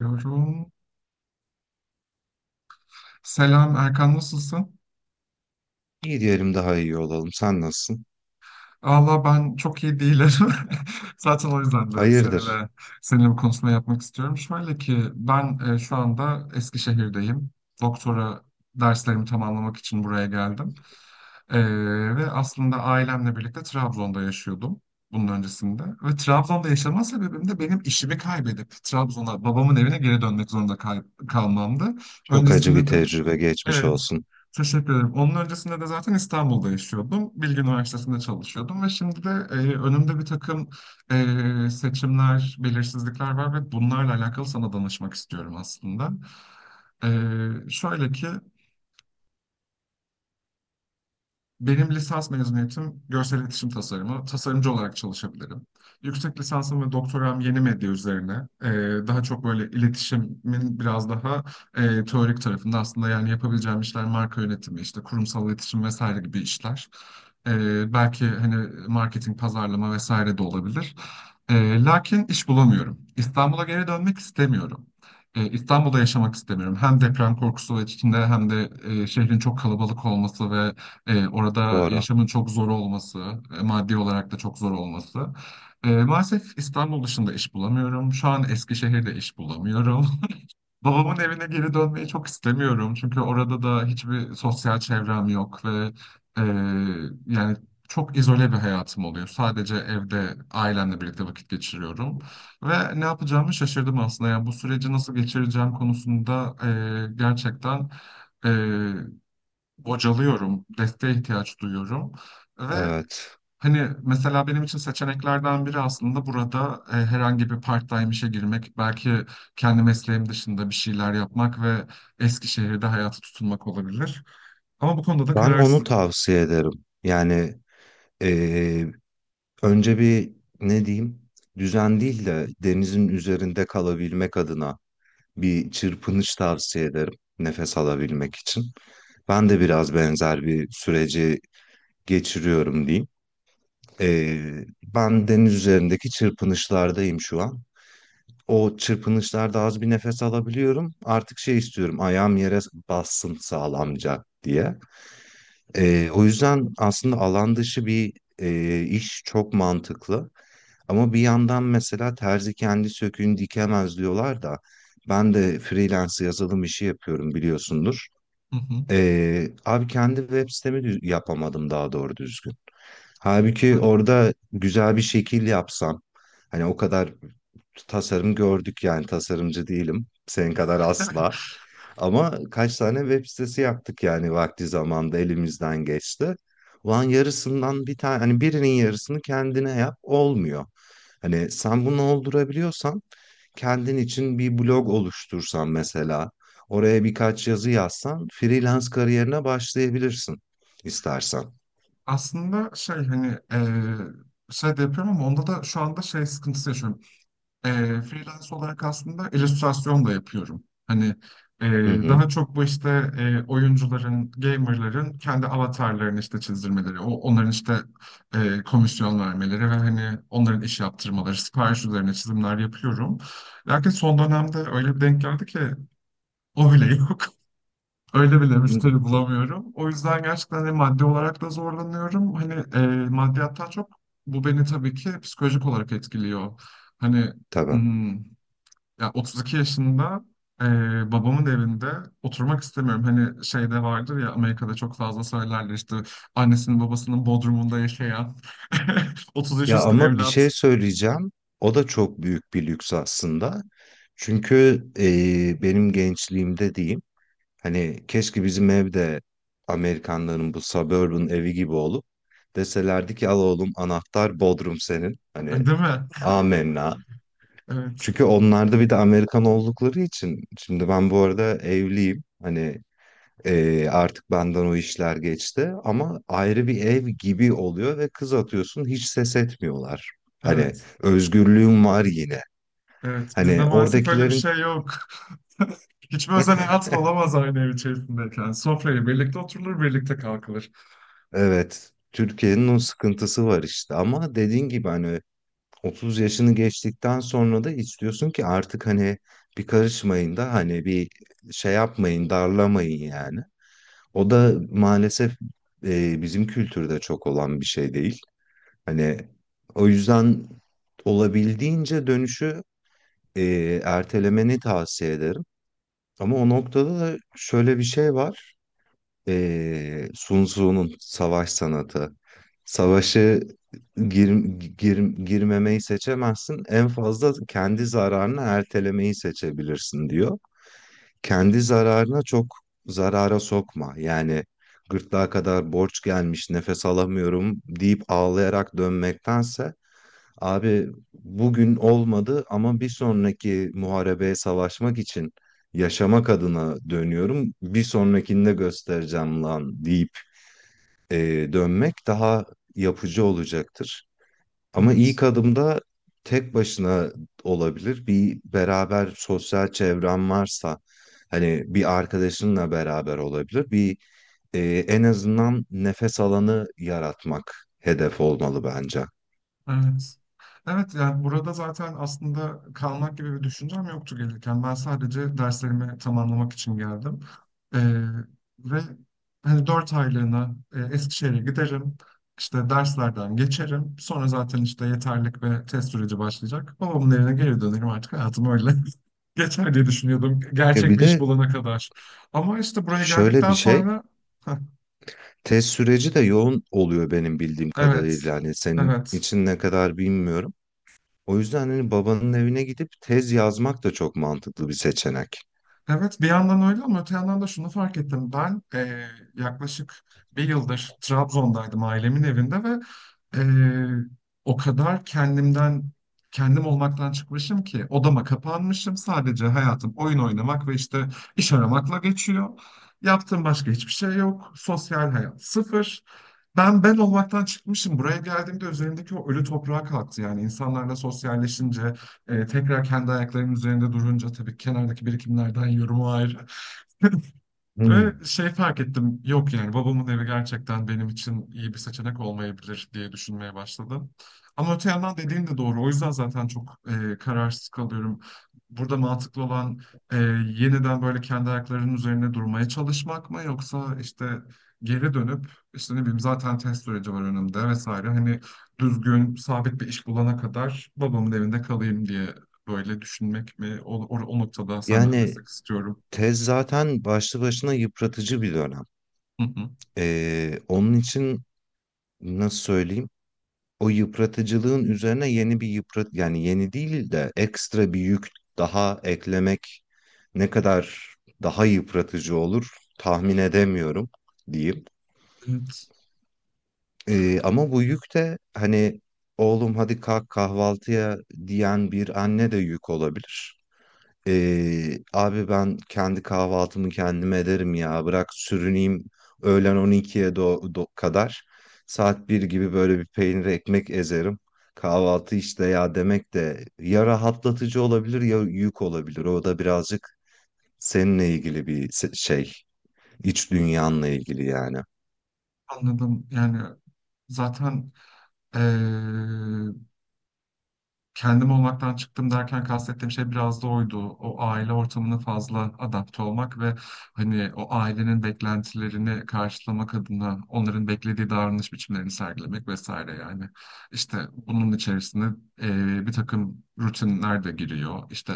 Diyorum. Selam Erkan, nasılsın? İyi diyelim daha iyi olalım. Sen nasılsın? Allah ben çok iyi değilim. Zaten o yüzden de Hayırdır? seninle bu konuşma yapmak istiyorum. Şöyle ki ben şu anda Eskişehir'deyim. Doktora derslerimi tamamlamak için buraya geldim. E, Ve aslında ailemle birlikte Trabzon'da yaşıyordum bunun öncesinde. Ve Trabzon'da yaşama sebebim de benim işimi kaybedip Trabzon'a babamın evine geri dönmek zorunda kalmamdı. Çok acı bir Öncesinde de tecrübe geçmiş evet. olsun. Teşekkür ederim. Onun öncesinde de zaten İstanbul'da yaşıyordum. Bilgi Üniversitesi'nde çalışıyordum ve şimdi de önümde bir takım seçimler, belirsizlikler var ve bunlarla alakalı sana danışmak istiyorum aslında. E, şöyle ki, benim lisans mezuniyetim görsel iletişim tasarımı. Tasarımcı olarak çalışabilirim. Yüksek lisansım ve doktoram yeni medya üzerine. Daha çok böyle iletişimin biraz daha teorik tarafında, aslında yani yapabileceğim işler marka yönetimi, işte kurumsal iletişim vesaire gibi işler. Belki hani marketing, pazarlama vesaire de olabilir. Lakin iş bulamıyorum. İstanbul'a geri dönmek istemiyorum. İstanbul'da yaşamak istemiyorum. Hem deprem korkusu içinde hem de şehrin çok kalabalık olması ve orada Doğru. yaşamın çok zor olması, maddi olarak da çok zor olması. Maalesef İstanbul dışında iş bulamıyorum. Şu an Eskişehir'de iş bulamıyorum. Babamın evine geri dönmeyi çok istemiyorum. Çünkü orada da hiçbir sosyal çevrem yok ve e, yani çok izole bir hayatım oluyor. Sadece evde ailemle birlikte vakit geçiriyorum. Ve ne yapacağımı şaşırdım aslında. Yani bu süreci nasıl geçireceğim konusunda e, gerçekten... e, bocalıyorum, desteğe ihtiyaç duyuyorum. Ve Evet. hani mesela benim için seçeneklerden biri aslında burada herhangi bir part-time işe girmek, belki kendi mesleğim dışında bir şeyler yapmak ve Eskişehir'de hayatı tutunmak olabilir. Ama bu konuda da Ben onu kararsızım. tavsiye ederim. Yani eee, önce bir ne diyeyim? Düzen değil de denizin üzerinde kalabilmek adına bir çırpınış tavsiye ederim. Nefes alabilmek için. Ben de biraz benzer bir süreci geçiriyorum diyeyim. Ben deniz üzerindeki çırpınışlardayım şu an. O çırpınışlarda az bir nefes alabiliyorum. Artık şey istiyorum ayağım yere bassın sağlamca diye. O yüzden aslında alan dışı bir iş çok mantıklı. Ama bir yandan mesela terzi kendi söküğünü dikemez diyorlar da ben de freelance yazılım işi yapıyorum biliyorsundur. Hı hı. Abi kendi web sitemi yapamadım daha doğru düzgün. Halbuki Evet. orada güzel bir şekil yapsam, hani o kadar tasarım gördük yani tasarımcı değilim. Senin kadar asla. Ama kaç tane web sitesi yaptık yani vakti zamanda elimizden geçti. Ulan yarısından bir tane hani birinin yarısını kendine yap olmuyor. Hani sen bunu oldurabiliyorsan kendin için bir blog oluştursan mesela, oraya birkaç yazı yazsan freelance kariyerine başlayabilirsin istersen. Aslında şey hani şey de yapıyorum ama onda da şu anda şey sıkıntısı yaşıyorum. Freelance olarak aslında illüstrasyon da yapıyorum. Hani e, Hı hı. daha çok bu işte oyuncuların, gamerların kendi avatarlarını işte çizdirmeleri, onların işte komisyon vermeleri ve hani onların iş yaptırmaları, sipariş üzerine çizimler yapıyorum. Lakin son dönemde öyle bir denk geldi ki o bile yok. Öyle bile Hı. müşteri bulamıyorum. O yüzden gerçekten hani maddi olarak da zorlanıyorum. Hani maddiyattan çok bu beni tabii ki psikolojik olarak etkiliyor. Hani Tabii. hmm, ya 32 yaşında, eee, babamın evinde oturmak istemiyorum. Hani şeyde vardır ya, Amerika'da çok fazla söylerler işte, annesinin babasının bodrumunda yaşayan 30 yaş Ya üstü ama bir evlat. şey söyleyeceğim. O da çok büyük bir lüks aslında. Çünkü benim gençliğimde diyeyim, hani keşke bizim evde Amerikanların bu suburban evi gibi olup deselerdi ki al oğlum anahtar Bodrum senin. Hani Hani değil mi? amenna. Evet. Çünkü onlar da bir de Amerikan oldukları için. Şimdi ben bu arada evliyim. Hani artık benden o işler geçti. Ama ayrı bir ev gibi oluyor ve kız atıyorsun hiç ses etmiyorlar. Hani Evet. özgürlüğüm var yine. Evet. Bizde Hani maalesef öyle bir oradakilerin şey yok. Hiçbir özel hayatın olamaz aynı ev içerisindeyken. Sofraya birlikte oturulur, birlikte kalkılır. evet Türkiye'nin o sıkıntısı var işte. Ama dediğin gibi hani 30 yaşını geçtikten sonra da istiyorsun ki artık hani bir karışmayın da hani bir şey yapmayın darlamayın yani. O da maalesef bizim kültürde çok olan bir şey değil. Hani o yüzden olabildiğince dönüşü ertelemeni tavsiye ederim. Ama o noktada da şöyle bir şey var. Sun Tzu'nun savaş sanatı. Savaşı gir, gir, girmemeyi seçemezsin. En fazla kendi zararını ertelemeyi seçebilirsin diyor, kendi zararına çok zarara sokma. Yani gırtlağa kadar borç gelmiş, nefes alamıyorum deyip ağlayarak dönmektense abi bugün olmadı ama bir sonraki muharebeye savaşmak için yaşamak adına dönüyorum. Bir sonrakinde göstereceğim lan deyip dönmek daha yapıcı olacaktır. Ama Evet. ilk adımda tek başına olabilir. Bir beraber sosyal çevren varsa hani bir arkadaşınla beraber olabilir. E, En azından nefes alanı yaratmak hedef olmalı bence. Evet. Evet, yani burada zaten aslında kalmak gibi bir düşüncem yoktu gelirken. Ben sadece derslerimi tamamlamak için geldim. Ee, ve Hani dört aylığına Eskişehir'e giderim. İşte derslerden geçerim. Sonra zaten işte yeterlik ve test süreci başlayacak. Babamın evine geri dönerim, artık hayatım öyle. Geçer diye düşünüyordum E gerçek bir bir iş de bulana kadar. Ama işte buraya şöyle bir geldikten şey, sonra test süreci de yoğun oluyor benim bildiğim evet. kadarıyla. Hani senin Evet. için ne kadar bilmiyorum. O yüzden hani babanın evine gidip tez yazmak da çok mantıklı bir seçenek. Evet, bir yandan öyle ama öte yandan da şunu fark ettim. Ben yaklaşık bir yıldır Trabzon'daydım, ailemin evinde ve eee, o kadar kendim olmaktan çıkmışım ki odama kapanmışım. Sadece hayatım oyun oynamak ve işte iş aramakla geçiyor. Yaptığım başka hiçbir şey yok. Sosyal hayat sıfır. Ben olmaktan çıkmışım. Buraya geldiğimde üzerimdeki o ölü toprağa kalktı. Yani insanlarla sosyalleşince, tekrar kendi ayaklarının üzerinde durunca tabii kenardaki birikimlerden yorumu ayrı. Ve Hmm. şey fark ettim, yok yani babamın evi gerçekten benim için iyi bir seçenek olmayabilir diye düşünmeye başladım. Ama öte yandan dediğin de doğru. O yüzden zaten çok kararsız kalıyorum. Burada mantıklı olan e, yeniden böyle kendi ayaklarının üzerine durmaya çalışmak mı, yoksa işte geri dönüp işte ne bileyim, zaten test süreci var önümde vesaire. Hani düzgün sabit bir iş bulana kadar babamın evinde kalayım diye böyle düşünmek mi? O noktada senden destek Yani istiyorum. tez zaten başlı başına yıpratıcı bir dönem. Hı hı. Onun için nasıl söyleyeyim? O yıpratıcılığın üzerine yeni bir yıprat yani yeni değil de ekstra bir yük daha eklemek ne kadar daha yıpratıcı olur tahmin edemiyorum diyeyim. Evet. Ama bu yük de hani oğlum hadi kalk kahvaltıya diyen bir anne de yük olabilir. Abi ben kendi kahvaltımı kendim ederim ya bırak sürüneyim öğlen 12'ye kadar saat bir gibi böyle bir peynir ekmek ezerim. Kahvaltı işte ya demek de ya rahatlatıcı olabilir ya yük olabilir. O da birazcık seninle ilgili bir şey, iç dünyanla ilgili yani. Anladım. Yani zaten eee, kendim olmaktan çıktım derken kastettiğim şey biraz da oydu. O aile ortamına fazla adapte olmak ve hani o ailenin beklentilerini karşılamak adına onların beklediği davranış biçimlerini sergilemek vesaire yani. İşte bunun içerisinde bir takım rutinler de giriyor. İşte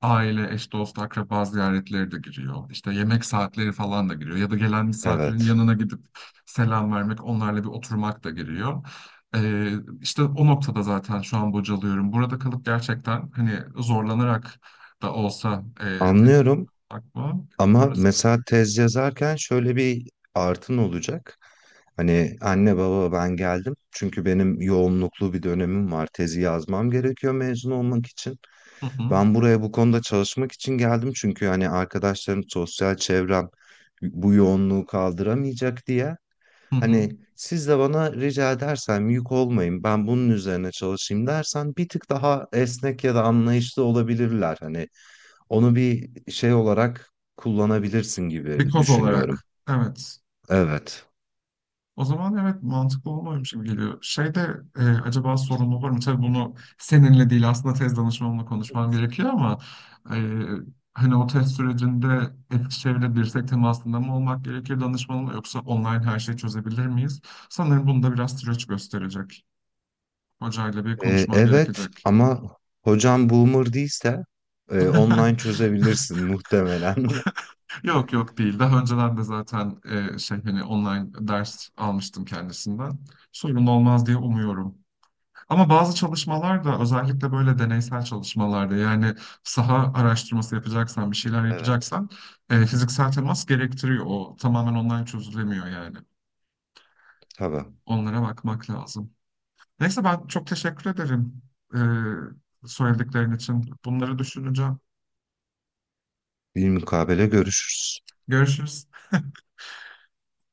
aile, eş, dost, akraba ziyaretleri de giriyor. İşte yemek saatleri falan da giriyor. Ya da gelen misafirin Evet. yanına gidip selam vermek, onlarla bir oturmak da giriyor. Ee, işte o noktada zaten şu an bocalıyorum. Burada kalıp gerçekten hani zorlanarak da olsa tek Anlıyorum. akma Ama orası. mesela tez yazarken şöyle bir artın olacak. Hani anne baba ben geldim. Çünkü benim yoğunluklu bir dönemim var. Tezi yazmam gerekiyor mezun olmak için. Hı hı, Ben buraya bu konuda çalışmak için geldim. Çünkü hani arkadaşlarım, sosyal çevrem bu yoğunluğu kaldıramayacak diye. hı hı. Hani siz de bana rica edersen yük olmayın ben bunun üzerine çalışayım dersen bir tık daha esnek ya da anlayışlı olabilirler. Hani onu bir şey olarak kullanabilirsin gibi Bir koz düşünüyorum. olarak. Evet. Evet. O zaman evet, mantıklı olmamış gibi geliyor. Şeyde acaba sorun olur mu? Tabii bunu seninle değil aslında tez danışmamla konuşmam gerekiyor ama e, hani o test sürecinde Eskişehir'le dirsek temasında mı olmak gerekir danışmanla, yoksa online her şeyi çözebilir miyiz? Sanırım bunu da biraz süreç gösterecek. Hocayla bir konuşmam Evet gerekecek. ama hocam boomer değilse online çözebilirsin muhtemelen. Yok yok değil. Daha önceden de zaten şey hani online ders almıştım kendisinden. Sorun olmaz diye umuyorum. Ama bazı çalışmalar da, özellikle böyle deneysel çalışmalarda, yani saha araştırması yapacaksan, bir şeyler Evet. yapacaksan fiziksel temas gerektiriyor. O tamamen online çözülemiyor yani. Tamam. Onlara bakmak lazım. Neyse ben çok teşekkür ederim söylediklerin için. Bunları düşüneceğim. Bir mukabele görüşürüz. Görüşürüz.